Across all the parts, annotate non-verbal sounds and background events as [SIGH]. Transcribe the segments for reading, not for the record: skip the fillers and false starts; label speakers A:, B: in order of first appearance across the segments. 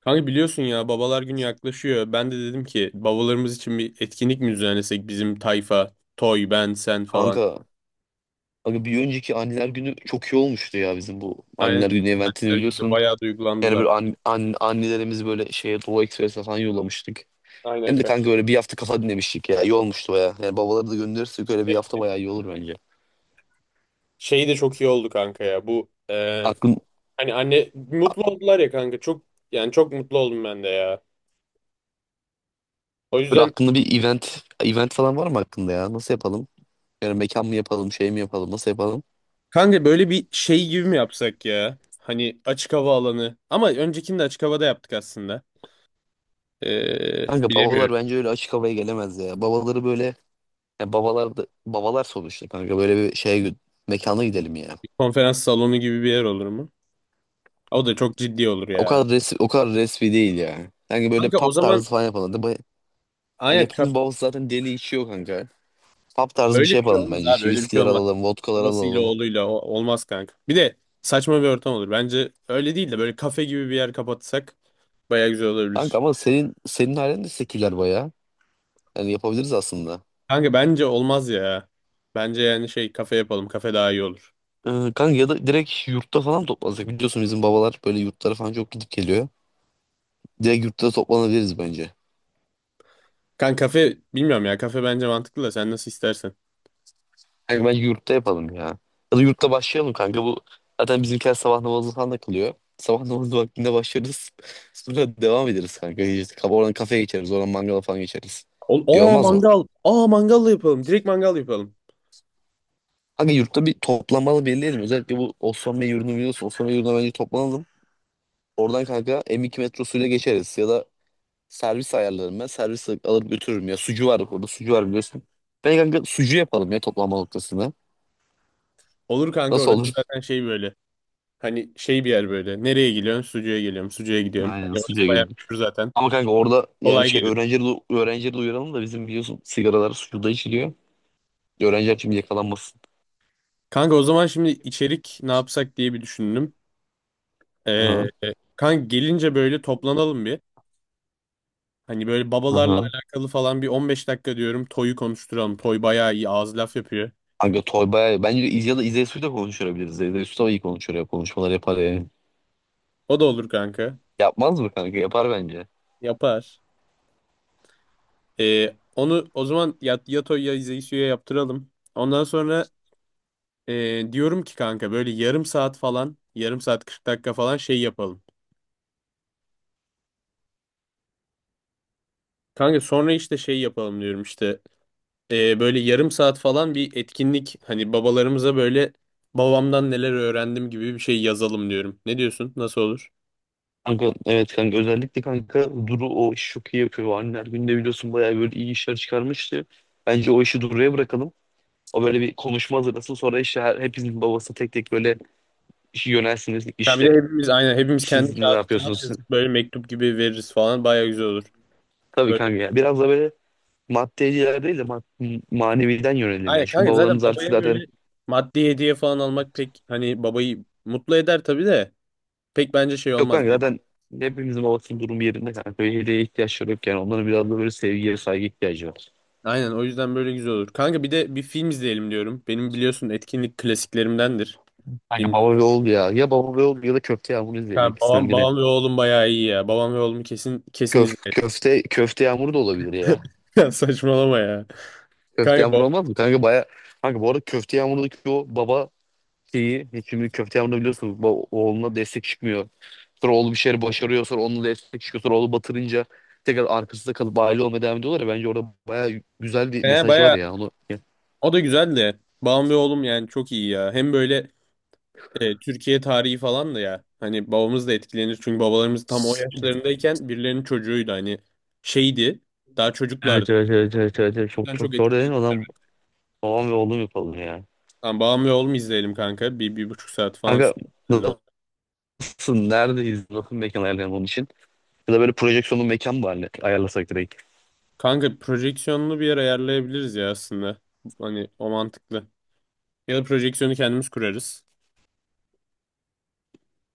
A: Kanka biliyorsun ya babalar günü yaklaşıyor. Ben de dedim ki babalarımız için bir etkinlik mi düzenlesek bizim tayfa, Toy, ben, sen falan.
B: Kanka, abi bir önceki anneler günü çok iyi olmuştu ya bizim bu
A: Aynen
B: anneler günü eventini
A: benler günü de
B: biliyorsun.
A: bayağı
B: Yani
A: duygulandılar.
B: böyle annelerimizi böyle şeye Doğu Ekspres'e falan yollamıştık.
A: Aynen
B: Hem de
A: kanka.
B: kanka böyle bir hafta kafa dinlemiştik ya. İyi olmuştu baya. Yani babaları da gönderirsek öyle bir
A: E,
B: hafta baya iyi olur bence.
A: Şey de çok iyi oldu kanka ya bu
B: Aklın,
A: hani anne mutlu oldular ya kanka çok yani çok mutlu oldum ben de ya. O
B: Böyle
A: yüzden
B: aklında bir event falan var mı aklında ya? Nasıl yapalım? Yani mekan mı yapalım, şey mi yapalım, nasıl yapalım?
A: kanka böyle bir şey gibi mi yapsak ya? Hani açık hava alanı ama öncekini de açık havada yaptık aslında.
B: Kanka
A: Bilemiyorum.
B: babalar bence öyle açık havaya gelemez ya. Babaları böyle, yani babalar da, babalar sonuçta kanka böyle bir şeye mekana gidelim ya.
A: Bir konferans salonu gibi bir yer olur mu? O da çok ciddi olur
B: O
A: ya.
B: kadar resmi, o kadar resmi değil yani. Sanki böyle
A: Kanka
B: pub
A: o zaman
B: tarzı falan yapalım. Hani
A: aynen
B: hepimiz babası zaten deli içiyor kanka. Pub tarzı bir
A: öyle
B: şey
A: bir şey
B: yapalım
A: olmaz
B: bence.
A: abi
B: İşte
A: öyle bir şey
B: viskiler
A: olmaz.
B: alalım, vodkalar
A: Babasıyla
B: alalım.
A: oğluyla olmaz kanka. Bir de saçma bir ortam olur. Bence öyle değil de böyle kafe gibi bir yer kapatsak baya güzel
B: Kanka
A: olabilir.
B: ama senin halen de seküler bayağı. Yani yapabiliriz aslında.
A: Kanka bence olmaz ya. Bence yani şey kafe yapalım, kafe daha iyi olur.
B: Kanka ya da direkt yurtta falan toplansak. Biliyorsun bizim babalar böyle yurtlara falan çok gidip geliyor. Direkt yurtta toplanabiliriz bence.
A: Kanka kafe bilmiyorum ya, kafe bence mantıklı da sen nasıl istersen.
B: Kanka bence yurtta yapalım ya. Ya da yurtta başlayalım kanka. Bu zaten bizimkiler sabah namazı falan da kılıyor. Sabah namazı vaktinde başlarız. [LAUGHS] Sonra devam ederiz kanka. İşte oradan kafeye geçeriz. Oradan mangala falan geçeriz.
A: Ol
B: İyi
A: aa
B: olmaz mı?
A: mangal. Aa, mangal da yapalım. Direkt mangal yapalım.
B: Kanka yurtta bir toplanmalı belirleyelim. Özellikle bu Osman Bey yurdunu biliyorsun. Osman Bey yurduna bence toplanalım. Oradan kanka M2 metrosuyla geçeriz. Ya da servis ayarlarım ben. Servis alır götürürüm ya. Sucu var orada. Sucu var biliyorsun. Ben kanka sucu yapalım ya toplanma noktasında.
A: Olur kanka,
B: Nasıl
A: orası
B: olur?
A: zaten şey böyle. Hani şey bir yer böyle. Nereye geliyorsun? Sucuğa geliyorum. Sucuğa gidiyorum.
B: Aynen
A: Hani orası bayağı
B: sucuya.
A: meşhur zaten.
B: Ama kanka orada yani
A: Kolay
B: şey
A: geliyor.
B: öğrencileri, öğrencileri duyuralım da bizim biliyorsun sigaralar suda içiliyor. Öğrenciler şimdi yakalanmasın.
A: Kanka o zaman şimdi içerik ne yapsak diye bir düşündüm. Ee,
B: Hı
A: kanka gelince böyle toplanalım bir. Hani böyle babalarla
B: hı.
A: alakalı falan bir 15 dakika diyorum. Toy'u konuşturalım. Toy bayağı iyi ağız laf yapıyor.
B: Kanka Toy bayağı bence ya da İzey Su'yla konuşturabiliriz. İzey Su da iyi konuşur ya, konuşmalar yapar yani.
A: O da olur kanka.
B: Yapmaz mı kanka? Yapar bence.
A: Yapar. Onu o zaman ya, ya Toy ya Zeysu'ya yaptıralım. Ondan sonra diyorum ki kanka böyle yarım saat falan yarım saat 40 dakika falan şey yapalım. Kanka sonra işte şey yapalım diyorum işte. Böyle yarım saat falan bir etkinlik hani babalarımıza böyle babamdan neler öğrendim gibi bir şey yazalım diyorum. Ne diyorsun? Nasıl olur?
B: Kanka evet kanka, özellikle kanka Duru o işi çok iyi yapıyor. Anneler Günü'nde biliyorsun bayağı böyle iyi işler çıkarmıştı. Bence o işi Duru'ya bırakalım. O böyle bir konuşma hazırlasın. Sonra işte hepinizin babası tek tek böyle işi yönelsiniz.
A: Ya bir de
B: İşte
A: hepimiz aynen hepimiz kendi
B: siz ne
A: kağıt
B: yapıyorsunuz?
A: yazıp böyle mektup gibi veririz falan, baya güzel olur.
B: Tabii
A: Böyle
B: kanka ya. Biraz da böyle maddeciler değil de maneviden yönelim ya.
A: aynen
B: Çünkü
A: kanka, zaten
B: babalarımız artık
A: babaya
B: zaten
A: böyle maddi hediye falan almak pek hani babayı mutlu eder tabii de pek bence şey
B: yok
A: olmaz.
B: kanka, zaten hepimizin babasının durumu yerinde kanka. Böyle hediyeye ihtiyaçları yok yani. Onların biraz da böyle sevgiye saygı ihtiyacı var.
A: Aynen, o yüzden böyle güzel olur. Kanka bir de bir film izleyelim diyorum. Benim biliyorsun etkinlik klasiklerimdendir.
B: Kanka
A: Film.
B: baba ve oğul ya. Ya baba ve oğul ya da köfte yağmuru izleyelim,
A: Ha,
B: ikisinden biri.
A: babam ve oğlum bayağı iyi ya. Babam ve oğlumu kesin kesin
B: Köf
A: izlerim.
B: köfte köfte yağmuru da olabilir ya.
A: Ya saçmalama ya.
B: Köfte
A: Kanka
B: yağmuru olmaz mı? Kanka baya, kanka bu arada köfte yağmurundaki o baba şeyi, şimdi köfte yağmurunda biliyorsunuz oğluna destek çıkmıyor. Sonra oğlu bir şeyleri başarıyor. Sonra onunla da destek çıkıyor. Sonra oğlu batırınca tekrar arkasında kalıp aile olmaya devam ediyorlar ya. Bence orada baya güzel bir mesaj var
A: baya
B: ya. Onu...
A: o da güzeldi. Babam ve oğlum yani çok iyi ya. Hem böyle Türkiye tarihi falan da ya. Hani babamız da etkilenir. Çünkü babalarımız tam o yaşlarındayken birilerinin çocuğuydu. Hani şeydi. Daha çocuklardı.
B: Evet,
A: O
B: evet, evet, evet, evet. Evet. Çok
A: yüzden çok
B: çok doğru
A: etkilenir.
B: dedin. O zaman babam ve oğlum yapalım ya.
A: Tamam, babam ve oğlum izleyelim kanka. Bir buçuk saat falan
B: Kanka
A: sürüyor.
B: nasılsın? Neredeyiz? Nasıl mekan ayarlayalım onun için? Ya da böyle projeksiyonlu mekan mı ayarlasak direkt?
A: Kanka projeksiyonunu bir yer ayarlayabiliriz ya aslında. Hani o mantıklı. Ya da projeksiyonu kendimiz kurarız.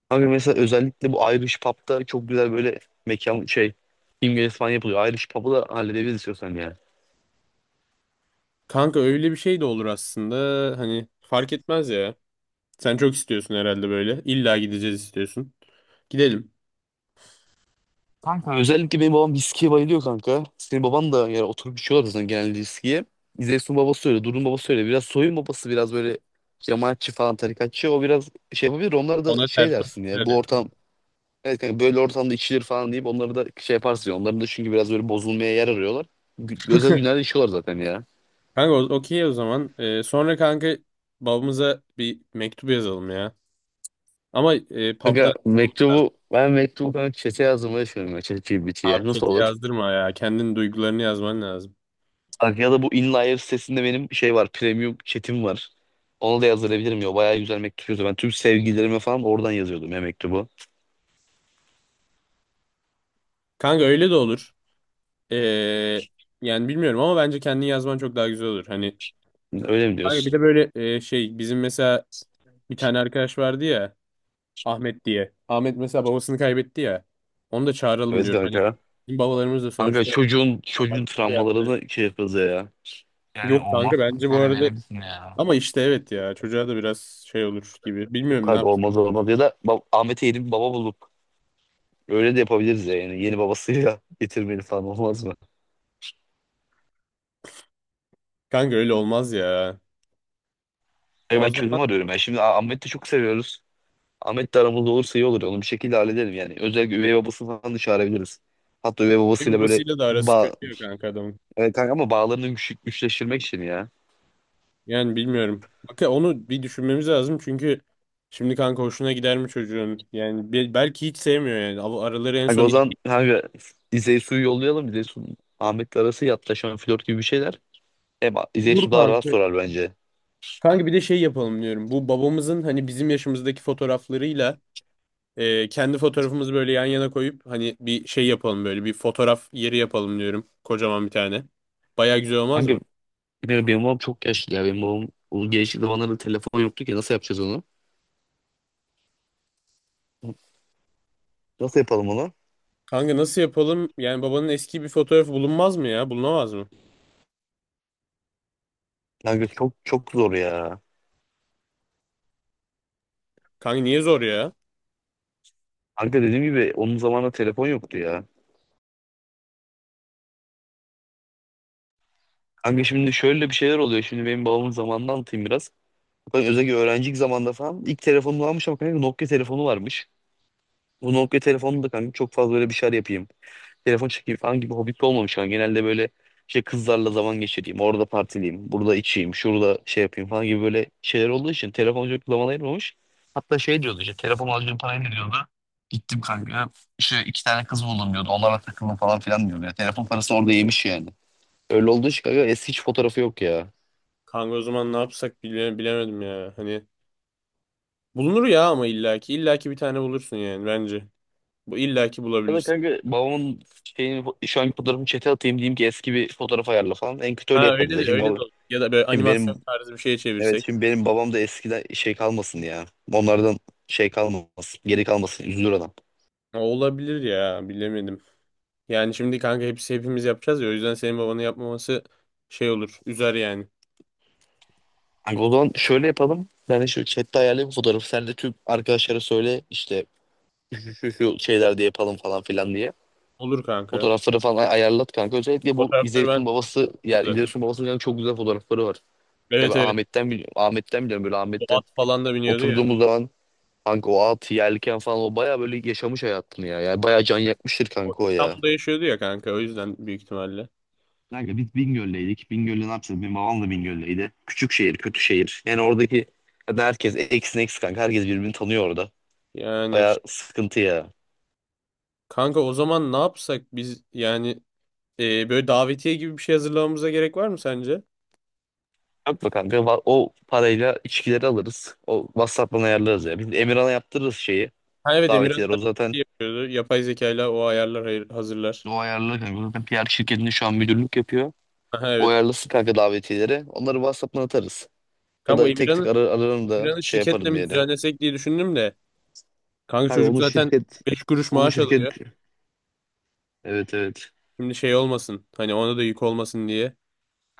B: Kanka mesela özellikle bu Irish Pub'da çok güzel böyle mekan şey, İngiliz falan yapılıyor. Irish Pub'u da halledebiliriz istiyorsan yani.
A: Kanka öyle bir şey de olur aslında. Hani fark etmez ya. Sen çok istiyorsun herhalde böyle. İlla gideceğiz istiyorsun. Gidelim.
B: Kanka özellikle benim babam viskiye bayılıyor kanka. Senin baban da yani, oturup içiyorlar zaten genelde viskiye. İzeysun babası öyle, Durun babası öyle. Biraz soyun babası biraz böyle cemaatçi falan, tarikatçı. O biraz şey yapabilir. Onlara da
A: Ona
B: şey
A: ters
B: dersin ya,
A: bakışlar
B: bu
A: yap.
B: ortam, evet kanka böyle ortamda içilir falan deyip onları da şey yaparsın ya. Onların da çünkü biraz böyle bozulmaya yer arıyorlar. Özel günlerde içiyorlar zaten ya.
A: Kanka okey o zaman. Sonra kanka babamıza bir mektup yazalım ya. Ama pub'dan
B: Kanka
A: yazmamız lazım.
B: mektubu, ben mektubu kanka çete yazdım, öyle söylüyorum ya, çete
A: Abi
B: GBT'ye. Nasıl
A: çete
B: olur?
A: yazdırma ya. Kendin duygularını yazman lazım.
B: Bak, ya da bu InLayer sitesinde benim şey var. Premium chat'im var. Onu da yazdırabilirim ya. Bayağı güzel mektup yazıyor. Ben tüm sevgililerime falan oradan yazıyordum ya mektubu.
A: Kanka öyle de olur. Ee, yani bilmiyorum ama bence kendin yazman çok daha güzel olur. Hani
B: Öyle mi
A: kanka bir
B: diyorsun?
A: de böyle şey bizim mesela bir tane arkadaş vardı ya, Ahmet diye. Ahmet mesela babasını kaybetti ya. Onu da çağıralım
B: Evet
A: diyorum. Hani
B: kanka.
A: bizim babalarımız da
B: Kanka
A: sonuçta
B: çocuğun
A: bak
B: çocuğun
A: şey yaptı.
B: travmalarını şey yapıyoruz ya. Yani
A: Yok
B: olmaz
A: kanka bence bu
B: kanka, öyle
A: arada
B: denemişsin ya.
A: ama işte evet ya, çocuğa da biraz şey olur gibi.
B: Yok
A: Bilmiyorum ne
B: kanka,
A: yapacak.
B: olmaz olmaz, ya da Ahmet'e yeni bir baba bulup öyle de yapabiliriz ya, yani yeni babasıyla [LAUGHS] getirmeli falan, olmaz mı?
A: Kanka öyle olmaz ya.
B: Ya
A: O
B: ben
A: zaman
B: çözüm arıyorum ya, şimdi Ahmet'i de çok seviyoruz. Ahmet de aramızda olursa iyi olur. Onu bir şekilde hallederim yani. Özellikle üvey babasını falan da çağırabiliriz. Hatta üvey
A: ev
B: babasıyla böyle
A: babasıyla da arası kötü
B: bağ
A: ya kanka adamın.
B: kanka ama bağlarını güçleştirmek için ya.
A: Yani bilmiyorum. Bak ya, onu bir düşünmemiz lazım çünkü şimdi kanka hoşuna gider mi çocuğun? Yani belki hiç sevmiyor yani. Araları en
B: Kanka
A: son
B: o
A: iyi.
B: zaman kanka İzey suyu yollayalım. İzey su Ahmet'le arası yatlaşan flört gibi bir şeyler. Hem İzey
A: Dur
B: su daha rahat
A: kanka.
B: sorar bence.
A: Kanka bir de şey yapalım diyorum. Bu babamızın hani bizim yaşımızdaki fotoğraflarıyla kendi fotoğrafımızı böyle yan yana koyup hani bir şey yapalım, böyle bir fotoğraf yeri yapalım diyorum. Kocaman bir tane. Baya güzel olmaz
B: Kanka
A: mı?
B: benim babam çok yaşlı ya. Benim babam o gençlik zamanlarda telefon yoktu ki, nasıl yapacağız onu? Nasıl yapalım onu?
A: Kanka nasıl yapalım? Yani babanın eski bir fotoğrafı bulunmaz mı ya? Bulunamaz mı?
B: Kanka çok çok zor ya.
A: Kanka niye zor ya?
B: Kanka dediğim gibi onun zamanında telefon yoktu ya. Kanka şimdi şöyle bir şeyler oluyor. Şimdi benim babamın zamanını anlatayım biraz. Kanka özellikle öğrencilik zamanında falan ilk telefonunu almış, ama kanka Nokia telefonu varmış. Bu Nokia telefonu da kanka çok fazla böyle bir şeyler yapayım, telefon çekeyim falan gibi hobbit olmamış kanka. Genelde böyle şey, kızlarla zaman geçireyim, orada partileyim, burada içeyim, şurada şey yapayım falan gibi böyle şeyler olduğu için telefon çok zaman ayırmamış. Hatta şey diyordu, işte telefon alacağım parayı ne diyordu. Gittim kanka, işte iki tane kız buldum diyordu. Onlarla takıldım falan filan diyordu. Ya, telefon parasını orada yemiş yani. Öyle olduğu için kanka eski hiç fotoğrafı yok ya.
A: Kanka o zaman ne yapsak bilemedim ya. Hani bulunur ya ama illaki illaki bir tane bulursun yani bence. Bu illaki
B: Ya da
A: bulabilirsin.
B: kanka babamın şeyini, şu anki fotoğrafını chat'e atayım, diyeyim ki eski bir fotoğraf ayarla falan. En kötü öyle
A: Ha
B: yaparız
A: öyle
B: ya.
A: de
B: Şimdi,
A: öyle de
B: baba,
A: olur. Ya da böyle
B: şimdi benim
A: animasyon tarzı bir şeye
B: evet,
A: çevirsek.
B: şimdi benim babam da eskiden şey kalmasın ya. Onlardan şey kalmasın. Geri kalmasın. Üzülür adam.
A: Ha, olabilir ya, bilemedim. Yani şimdi kanka hepsi hepimiz yapacağız ya, o yüzden senin babanın yapmaması şey olur. Üzer yani.
B: Kanka o zaman şöyle yapalım. Ben de şu chat'te ayarlayayım fotoğrafı. Sen de tüm arkadaşlara söyle, işte şu şu şu şeylerde yapalım falan filan diye.
A: Olur kanka.
B: Fotoğrafları falan ayarlat kanka. Özellikle bu
A: Fotoğrafları ben
B: İzeysun babası, yani
A: tuttum zaten.
B: İzeysun babasının yani çok güzel fotoğrafları var. Ya
A: Evet
B: ben
A: evet.
B: Ahmet'ten biliyorum. Ahmet'ten biliyorum, böyle
A: O
B: Ahmet'ten
A: at falan da biniyordu ya.
B: oturduğumuz zaman. Kanka o at yelken falan, o baya böyle yaşamış hayatını ya. Yani baya can yakmıştır
A: O
B: kanka o ya.
A: İstanbul'da yaşıyordu ya kanka, o yüzden büyük ihtimalle.
B: Kanka biz Bingöl'deydik. Bingöl'de ne yapacağız? Benim babam da Bingöl'deydi. Küçük şehir, kötü şehir. Yani oradaki, yani herkes eksin eks kanka. Herkes birbirini tanıyor orada.
A: Yani
B: Baya sıkıntı ya.
A: kanka o zaman ne yapsak biz yani böyle davetiye gibi bir şey hazırlamamıza gerek var mı sence?
B: Yapma kanka, o parayla içkileri alırız. O WhatsApp'tan ayarlarız ya. Biz Emirhan'a yaptırırız şeyi.
A: Ha evet, Emirhan
B: Davetiyeleri. O
A: zaten
B: zaten
A: şey yapıyordu. Yapay zekayla o ayarlar hazırlar.
B: o ayarlı kanka. O zaten PR şirketinde şu an müdürlük yapıyor.
A: Aha
B: O
A: evet.
B: ayarlasın kanka davetiyeleri. Onları WhatsApp'tan atarız. Ya
A: Kanka bu
B: da tek tek ararım da
A: Emirhan'ı
B: şey
A: şirketle
B: yaparım
A: mi
B: yani.
A: düzenlesek diye düşündüm de. Kanka
B: Kanka
A: çocuk
B: onun
A: zaten
B: şirket
A: 5 kuruş
B: onun
A: maaş
B: şirket
A: alıyor.
B: evet evet.
A: Şimdi şey olmasın. Hani ona da yük olmasın diye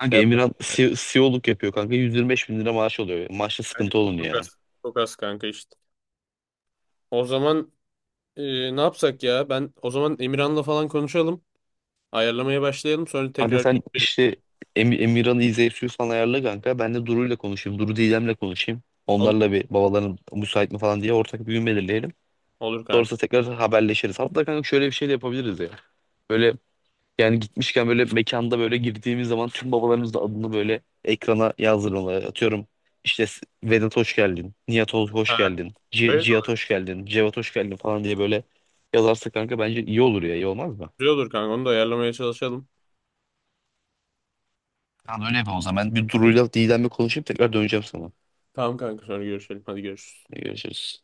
A: şey yapmak.
B: Emirhan CEO'luk yapıyor kanka, 125 bin lira maaş oluyor. Maaşta
A: Yani
B: sıkıntı olun
A: çok
B: ya.
A: az. Çok az kanka işte. O zaman ne yapsak ya? Ben o zaman Emirhan'la falan konuşalım. Ayarlamaya başlayalım. Sonra
B: Kanka
A: tekrar
B: sen
A: görüşelim.
B: işte Emirhan'ı izleyip falan ayarla kanka. Ben de Duru'yla konuşayım. Duru Didem'le konuşayım.
A: Olur,
B: Onlarla bir, babaların müsait mi falan diye ortak bir gün belirleyelim.
A: olur kanka.
B: Sonrasında tekrar haberleşiriz. Hatta kanka şöyle bir şey de yapabiliriz ya. Böyle, yani gitmişken böyle mekanda böyle girdiğimiz zaman tüm babalarımız da adını böyle ekrana yazdırmalar. Atıyorum işte, Vedat hoş geldin, Nihat hoş
A: Ha,
B: geldin, C
A: öyle de
B: Cihat
A: olur.
B: hoş geldin, Cevat hoş geldin falan diye böyle yazarsa kanka bence iyi olur ya, iyi olmaz mı?
A: Güzel olur kanka. Onu da ayarlamaya çalışalım.
B: Tamam, öyle yapalım o zaman. Ben bir Duru'yla Didem'le konuşup tekrar döneceğim sana.
A: Tamam kanka, sonra görüşelim. Hadi görüşürüz.
B: Görüşürüz.